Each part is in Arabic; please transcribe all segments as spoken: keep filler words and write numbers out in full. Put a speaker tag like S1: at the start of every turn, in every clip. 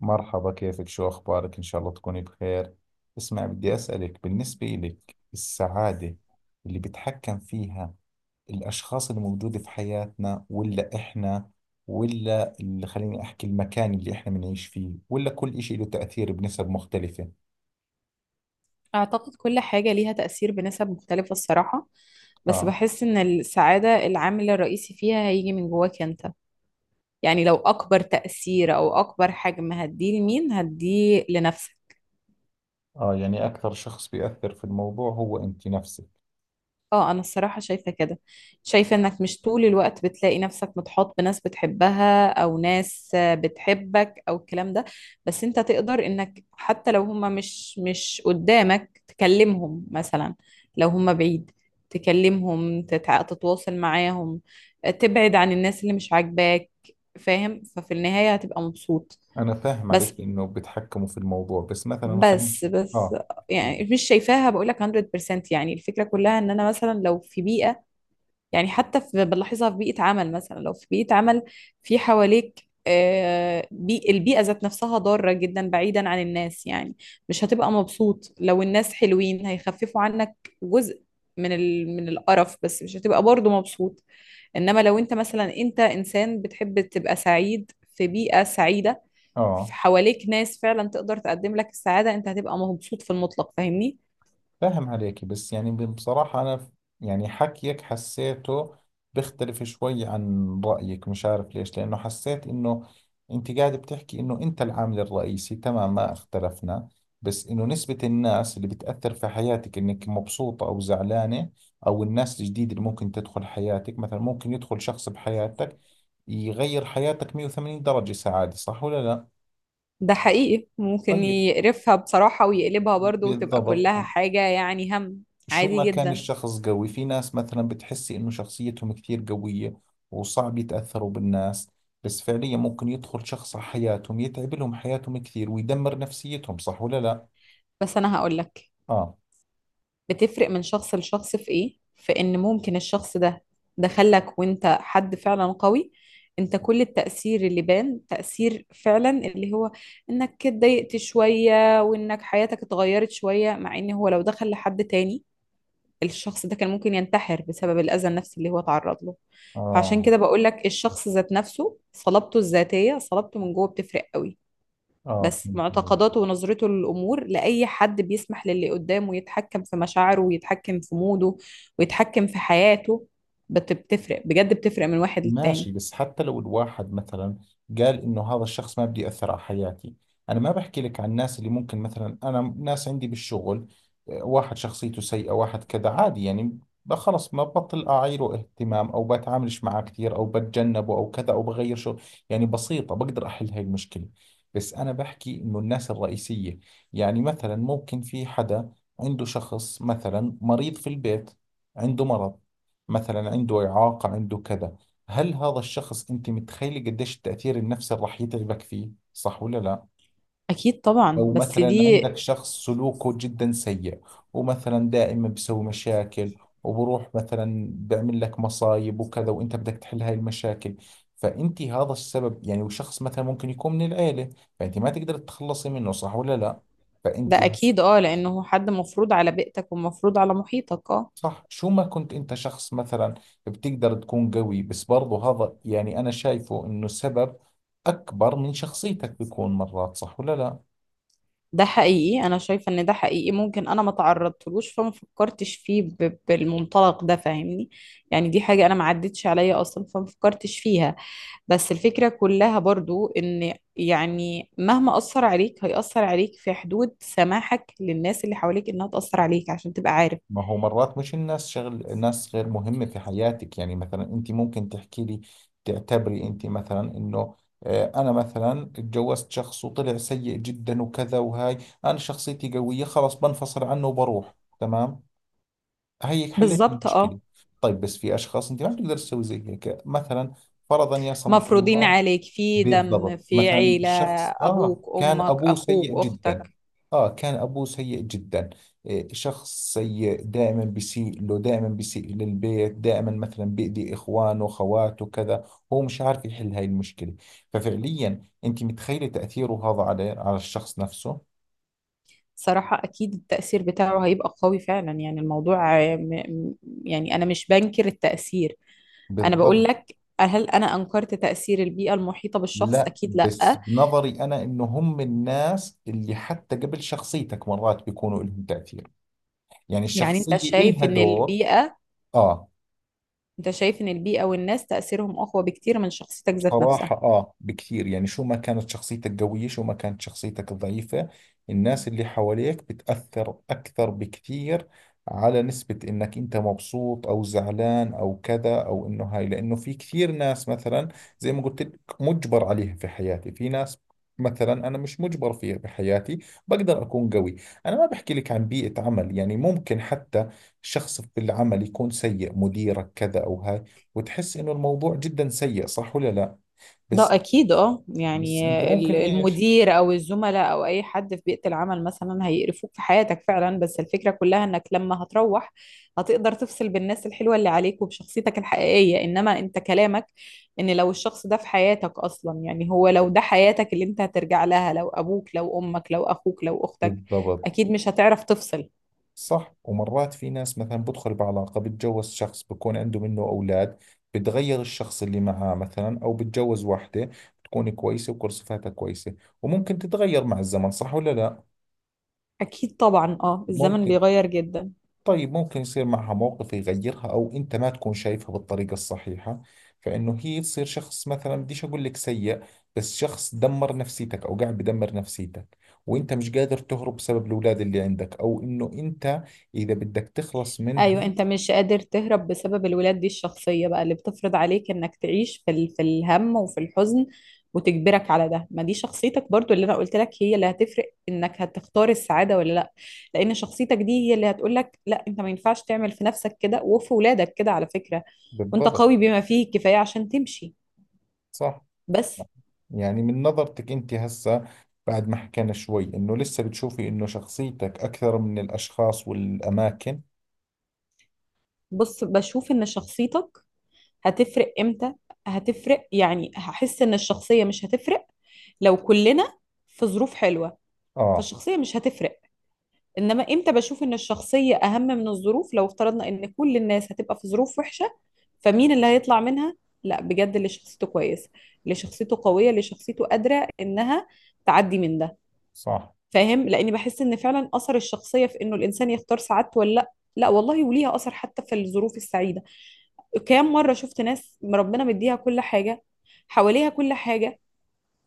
S1: مرحبا، كيفك؟ شو أخبارك؟ إن شاء الله تكوني بخير. اسمع، بدي أسألك بالنسبة إلك السعادة اللي بتحكم فيها الأشخاص اللي موجودة في حياتنا، ولا إحنا، ولا اللي خليني أحكي المكان اللي إحنا بنعيش فيه، ولا كل إشي له تأثير بنسب مختلفة؟
S2: أعتقد كل حاجة ليها تأثير بنسب مختلفة الصراحة. بس
S1: آه.
S2: بحس إن السعادة العامل الرئيسي فيها هيجي من جواك أنت. يعني لو أكبر تأثير أو أكبر حجم هتديه لمين؟ هتديه لنفسك.
S1: آه، يعني أكثر شخص بيأثر في الموضوع هو أنت نفسك.
S2: اه، انا الصراحة شايفة كده. شايفة انك مش طول الوقت بتلاقي نفسك متحاط بناس بتحبها او ناس آه، بتحبك او الكلام ده. بس انت تقدر انك حتى لو هما مش مش قدامك تكلمهم مثلا. لو هما بعيد تكلمهم تتع... تتواصل معاهم. آه، تبعد عن الناس اللي مش عاجباك. فاهم؟ ففي النهاية هتبقى مبسوط.
S1: أنا فاهم
S2: بس
S1: عليك إنه بتحكموا في الموضوع، بس مثلا خليني.
S2: بس بس
S1: آه.
S2: يعني
S1: أكيد.
S2: مش شايفاها. بقولك مية بالمية يعني الفكرة كلها ان انا مثلا لو في بيئة، يعني حتى في بنلاحظها في بيئة عمل مثلا، لو في بيئة عمل في حواليك آه، بي البيئة ذات نفسها ضارة جدا بعيدا عن الناس، يعني مش هتبقى مبسوط. لو الناس حلوين هيخففوا عنك جزء من ال... من القرف، بس مش هتبقى برضه مبسوط. انما لو انت مثلا انت انسان بتحب تبقى سعيد في بيئة سعيدة، في
S1: آه،
S2: حواليك ناس فعلا تقدر تقدم لك السعادة، انت هتبقى مبسوط في المطلق. فاهمني؟
S1: فاهم عليكي، بس يعني بصراحة أنا ف- يعني حكيك حسيته بيختلف شوي عن رأيك، مش عارف ليش، لأنه حسيت إنه أنت قاعد بتحكي إنه أنت العامل الرئيسي، تمام، ما اختلفنا. بس إنه نسبة الناس اللي بتأثر في حياتك إنك مبسوطة أو زعلانة، أو الناس الجديدة اللي ممكن تدخل حياتك، مثلا ممكن يدخل شخص بحياتك يغير حياتك مئة وثمانين درجة سعادة، صح ولا لا؟
S2: ده حقيقي، ممكن
S1: طيب.
S2: يقرفها بصراحة ويقلبها برضو وتبقى
S1: بالضبط.
S2: كلها حاجة يعني هم.
S1: شو
S2: عادي
S1: ما كان
S2: جدا.
S1: الشخص قوي، في ناس مثلا بتحسي انه شخصيتهم كثير قوية وصعب يتأثروا بالناس، بس فعليا ممكن يدخل شخص على حياتهم يتعب لهم حياتهم كثير ويدمر نفسيتهم، صح ولا لا؟
S2: بس أنا هقولك،
S1: اه.
S2: بتفرق من شخص لشخص في إيه؟ في إن ممكن الشخص ده دخلك وإنت حد فعلا قوي، إنت كل التأثير اللي بان تأثير فعلا اللي هو إنك اتضايقت شوية وإنك حياتك اتغيرت شوية، مع إن هو لو دخل لحد تاني الشخص ده كان ممكن ينتحر بسبب الأذى النفسي اللي هو تعرض له. فعشان
S1: اه.
S2: كده بقول لك الشخص ذات نفسه، صلابته الذاتية، صلابته من جوه بتفرق قوي.
S1: اه،
S2: بس
S1: فهمت عليك.
S2: معتقداته ونظرته للأمور لأي حد بيسمح للي قدامه يتحكم في مشاعره ويتحكم في موده ويتحكم في حياته، بت- بتفرق بجد، بتفرق من واحد للتاني.
S1: ماشي، بس حتى لو الواحد مثلا قال انه هذا الشخص ما بدي يأثر على حياتي، انا ما بحكي لك عن الناس اللي ممكن مثلا، انا ناس عندي بالشغل آه، واحد شخصيته سيئة، واحد كذا، عادي يعني، ب- خلص ما ببطل اعيره اهتمام او بتعاملش معاه كثير او بتجنبه او كذا او بغير شغل، يعني بسيطة بقدر احل هاي المشكلة. بس انا بحكي انه الناس الرئيسية، يعني مثلا ممكن في حدا عنده شخص مثلا مريض في البيت، عنده مرض، مثلا عنده إعاقة، عنده كذا، هل هذا الشخص انت متخيلة قديش التأثير النفسي راح يتعبك فيه؟ صح ولا لا؟
S2: أكيد طبعا،
S1: او
S2: بس
S1: مثلا
S2: دي...
S1: عندك شخص سلوكه جدا سيء، ومثلا دائما بيسوي مشاكل، وبروح مثلا بيعمل لك مصايب وكذا، وانت بدك تحل هاي المشاكل، فانت هذا السبب يعني، وشخص مثلا ممكن يكون من العيلة، فانت ما تقدر تتخلصي منه، صح ولا لا؟
S2: ده
S1: فانت
S2: أكيد، اه، لأنه هو حد مفروض على بيئتك ومفروض على محيطك، اه.
S1: صح. شو ما كنت انت شخص مثلا بتقدر تكون قوي، بس برضو هذا يعني انا شايفه انه سبب اكبر من شخصيتك بيكون مرات، صح ولا لا؟
S2: ده حقيقي، انا شايفه ان ده حقيقي. ممكن انا ما تعرضتلوش فما فكرتش فيه ب- بالمنطلق ده، فاهمني؟ يعني دي حاجه انا ما عدتش عليا اصلا فما فكرتش فيها. بس الفكره كلها برضو ان يعني مهما اثر عليك هيأثر عليك في حدود سماحك للناس اللي حواليك انها تأثر عليك، عشان تبقى عارف.
S1: ما هو مرات مش الناس، شغل ناس غير مهمة في حياتك، يعني مثلا انت ممكن تحكي لي، تعتبري انت مثلا انه آه، انا مثلا اتجوزت شخص وطلع سيء جدا وكذا وهاي، انا شخصيتي قوية خلاص بنفصل عنه وبروح، تمام هيك حليت
S2: بالظبط، اه.
S1: المشكلة. طيب، بس في أشخاص أنت ما بتقدر تسوي زي هيك، مثلا فرضا يا سمح
S2: مفروضين
S1: الله.
S2: عليك في دم،
S1: بالضبط،
S2: في
S1: مثلا
S2: عيله،
S1: الشخص آه
S2: ابوك،
S1: كان
S2: امك،
S1: أبوه
S2: اخوك،
S1: سيء جدا.
S2: اختك.
S1: آه كان أبوه سيء جدا، إيه، شخص سيء دائما بيسيء له، دائما بيسيء للبيت، دائما مثلا بيأذي إخوانه خواته كذا، هو مش عارف يحل هاي المشكلة، ففعليا أنت متخيلة تأثيره هذا على على الشخص نفسه.
S2: صراحة أكيد التأثير بتاعه هيبقى قوي فعلا. يعني الموضوع آه، م- م- يعني أنا مش بنكر التأثير. أنا بقول
S1: بالضبط.
S2: لك، هل أنا أنكرت تأثير البيئة المحيطة بالشخص؟
S1: لا،
S2: أكيد
S1: بس
S2: لأ.
S1: بنظري أنا إنه هم الناس اللي حتى قبل شخصيتك مرات بيكونوا لهم تأثير، يعني
S2: يعني أنت
S1: الشخصية
S2: شايف
S1: إلها
S2: إن
S1: دور.
S2: البيئة،
S1: آه.
S2: أنت شايف إن البيئة والناس تأثيرهم أقوى بكتير من شخصيتك ذات نفسها.
S1: صراحة آه، بكثير، يعني شو ما كانت شخصيتك قوية، شو ما كانت شخصيتك ضعيفة، الناس اللي حواليك بتأثر أكثر بكثير على نسبة إنك أنت مبسوط أو زعلان أو كذا أو إنه هاي، لأنه في كثير ناس مثلا، زي ما قلت لك، مجبر عليها في حياتي، في ناس مثلا أنا مش مجبر فيها بحياتي، بقدر أكون قوي. أنا ما بحكي لك عن بيئة عمل، يعني ممكن حتى شخص بالعمل يكون سيء، مديرك كذا أو هاي، وتحس إنه الموضوع جدا سيء، صح ولا لا؟
S2: ده
S1: بس
S2: اكيد، اه،
S1: بس
S2: يعني
S1: انت
S2: ال-
S1: ممكن ايش.
S2: المدير او الزملاء او اي حد في بيئة العمل مثلا هيقرفوك في حياتك فعلا. بس الفكرة كلها انك لما هتروح هتقدر تفصل بالناس الحلوة اللي عليك وبشخصيتك الحقيقية. انما انت كلامك ان لو الشخص ده في حياتك اصلا، يعني هو لو ده حياتك اللي انت هترجع لها، لو ابوك لو امك لو اخوك لو اختك،
S1: بالضبط.
S2: اكيد مش هتعرف تفصل.
S1: صح، ومرات في ناس مثلا بدخل بعلاقة، بتجوز شخص بكون عنده منه أولاد، بتغير الشخص اللي معاه، مثلا أو بتجوز واحدة بتكون كويسة وكل صفاتها كويسة، وممكن تتغير مع الزمن، صح ولا لا؟
S2: اكيد طبعا، اه، الزمن
S1: ممكن.
S2: بيغير جدا.
S1: طيب، ممكن يصير معها موقف يغيرها، أو أنت ما تكون شايفها بالطريقة الصحيحة، فإنه هي تصير شخص مثلا، بديش أقول لك سيء، بس شخص دمر نفسيتك أو قاعد بدمر نفسيتك، وأنت مش قادر تهرب بسبب الأولاد اللي عندك، أو إنه أنت إذا بدك تخلص منها.
S2: ايوه انت مش قادر تهرب بسبب الولاد. دي الشخصيه بقى اللي بتفرض عليك انك تعيش في ال... في الهم وفي الحزن، وتجبرك على ده. ما دي شخصيتك برضو اللي انا قلت لك هي اللي هتفرق انك هتختار السعاده ولا لا. لان شخصيتك دي هي اللي هتقول لك لا، انت ما ينفعش تعمل في نفسك كده وفي ولادك كده. على فكره، وانت
S1: بالضبط.
S2: قوي بما فيه الكفايه عشان تمشي،
S1: صح.
S2: بس.
S1: يعني من نظرتك أنت هسه، بعد ما حكينا شوي، إنه لسه بتشوفي إنه شخصيتك أكثر من الأشخاص والأماكن؟
S2: بص، بشوف ان شخصيتك هتفرق امتى. هتفرق يعني، هحس ان الشخصيه مش هتفرق لو كلنا في ظروف حلوه،
S1: آه.
S2: فالشخصيه مش هتفرق. انما امتى بشوف ان الشخصية اهم من الظروف؟ لو افترضنا ان كل الناس هتبقى في ظروف وحشة، فمين اللي هيطلع منها؟ لا بجد، اللي شخصيته كويسة، اللي شخصيته قوية، اللي شخصيته قادرة انها تعدي من ده.
S1: صح.
S2: فاهم؟ لاني بحس ان فعلا اثر الشخصية في انه الانسان يختار سعادته ولا لا. لا والله، وليها اثر حتى في الظروف السعيدة. كام مرة شفت ناس ربنا مديها كل حاجة، حواليها كل حاجة،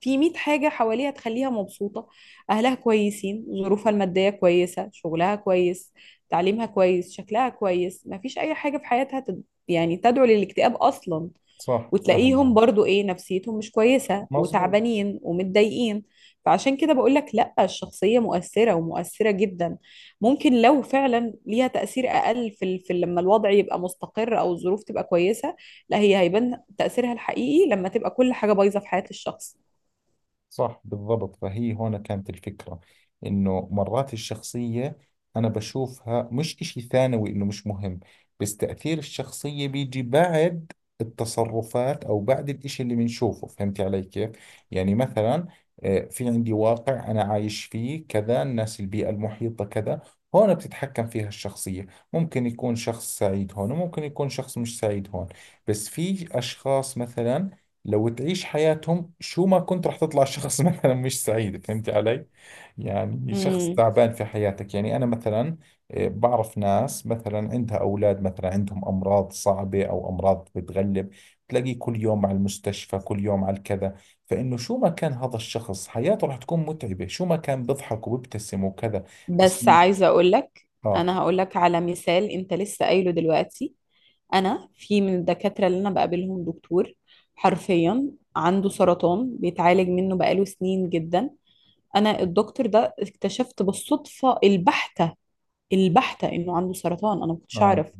S2: في مية حاجة حواليها تخليها مبسوطة، أهلها كويسين، ظروفها المادية كويسة، شغلها كويس، تعليمها كويس، شكلها كويس، مفيش أي حاجة في حياتها تد... يعني تدعو للاكتئاب أصلا،
S1: صح
S2: وتلاقيهم
S1: فاهم.
S2: برضو إيه؟ نفسيتهم مش كويسة
S1: مظبوط.
S2: وتعبانين ومتضايقين. فعشان كده بقولك لأ، الشخصية مؤثرة ومؤثرة جدا. ممكن لو فعلا ليها تأثير أقل في، ال... في لما الوضع يبقى مستقر أو الظروف تبقى كويسة، لا، هي هيبان تأثيرها الحقيقي لما تبقى كل حاجة بايظة في حياة الشخص.
S1: صح، بالضبط، فهي هون كانت الفكرة، إنه مرات الشخصية أنا بشوفها مش إشي ثانوي إنه مش مهم، بس تأثير الشخصية بيجي بعد التصرفات، أو بعد الإشي اللي بنشوفه، فهمتي علي كيف؟ يعني مثلا آه، في عندي واقع أنا عايش فيه كذا، الناس، البيئة المحيطة كذا، هون بتتحكم فيها الشخصية، ممكن يكون شخص سعيد هون، وممكن يكون شخص مش سعيد هون، بس في أشخاص مثلا لو تعيش حياتهم، شو ما كنت رح تطلع شخص مثلا مش سعيد، فهمتي علي؟ يعني شخص
S2: امم
S1: تعبان في حياتك، يعني أنا مثلا آه، بعرف ناس مثلا عندها أولاد مثلا عندهم أمراض صعبة أو أمراض بتغلب، تلاقيه كل يوم على المستشفى، كل يوم على الكذا، فإنه شو ما كان هذا الشخص حياته رح تكون متعبة، شو ما كان بيضحك وبيبتسم وكذا. بس.
S2: بس عايزة أقولك،
S1: آه.
S2: أنا هقولك على مثال أنت لسه قايله دلوقتي. أنا في من الدكاترة اللي أنا بقابلهم دكتور، حرفيا، عنده سرطان بيتعالج منه بقاله سنين جدا. أنا الدكتور ده اكتشفت بالصدفة البحتة البحتة انه عنده سرطان، انا ما كنتش
S1: آه.
S2: اعرف.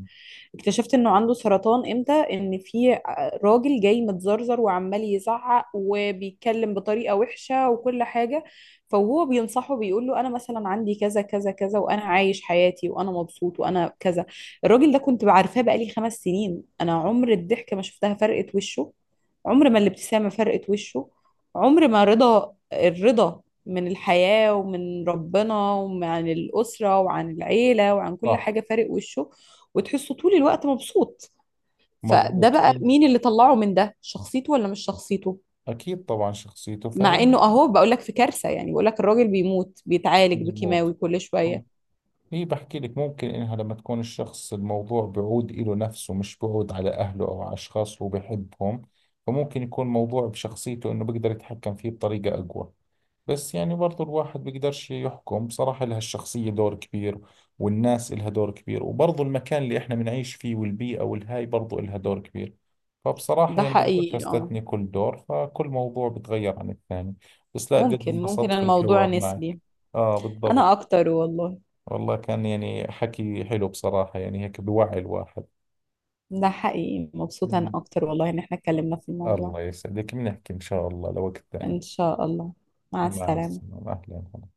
S2: اكتشفت انه عنده سرطان امتى؟ ان في راجل جاي متزرزر وعمال يزعق وبيتكلم بطريقة وحشة وكل حاجة، فهو بينصحه بيقول له انا مثلا عندي كذا كذا كذا وانا عايش حياتي وانا مبسوط وانا كذا. الراجل ده كنت بعرفاه بقالي خمس سنين، انا عمر الضحكة ما شفتها فرقت وشه، عمر ما الابتسامة فرقت وشه، عمر ما رضا الرضا من الحياة ومن ربنا وعن الأسرة وعن العيلة وعن كل
S1: صح.
S2: حاجة فارق وشه، وتحسه طول الوقت مبسوط. فده
S1: مزبوط
S2: بقى
S1: في-
S2: مين اللي طلعه من ده؟ شخصيته ولا مش شخصيته؟
S1: أكيد طبعا شخصيته.
S2: مع
S1: فهي
S2: انه اهو بقول لك في كارثة، يعني بقول لك الراجل بيموت بيتعالج بكيماوي
S1: مزبوط.
S2: كل
S1: صح،
S2: شوية.
S1: هي بحكي لك ممكن إنها لما تكون الشخص، الموضوع بعود إله نفسه، مش بعود على أهله أو على أشخاص اللي هو بحبهم، فممكن يكون موضوع بشخصيته إنه بيقدر يتحكم فيه بطريقة أقوى، بس يعني برضو الواحد بيقدرش يحكم، بصراحة لها الشخصية دور كبير، والناس لها دور كبير، وبرضو المكان اللي إحنا بنعيش فيه والبيئة والهاي برضو لها دور كبير، فبصراحة
S2: ده
S1: يعني بقدرش
S2: حقيقي، اه.
S1: أستثني كل دور، فكل موضوع بتغير عن الثاني. بس لا جد
S2: ممكن ممكن
S1: انبسطت في
S2: الموضوع
S1: الحوار معك.
S2: نسبي.
S1: آه،
S2: انا
S1: بالضبط.
S2: اكتر والله.
S1: والله كان يعني حكي حلو بصراحة، يعني هيك بوعي الواحد.
S2: ده حقيقي، مبسوطة انا
S1: مم.
S2: اكتر والله ان احنا اتكلمنا في الموضوع.
S1: الله يسعدك، بنحكي إن شاء الله لوقت ثاني.
S2: ان شاء الله. مع
S1: مع
S2: السلامة.
S1: السلامة، أهلا.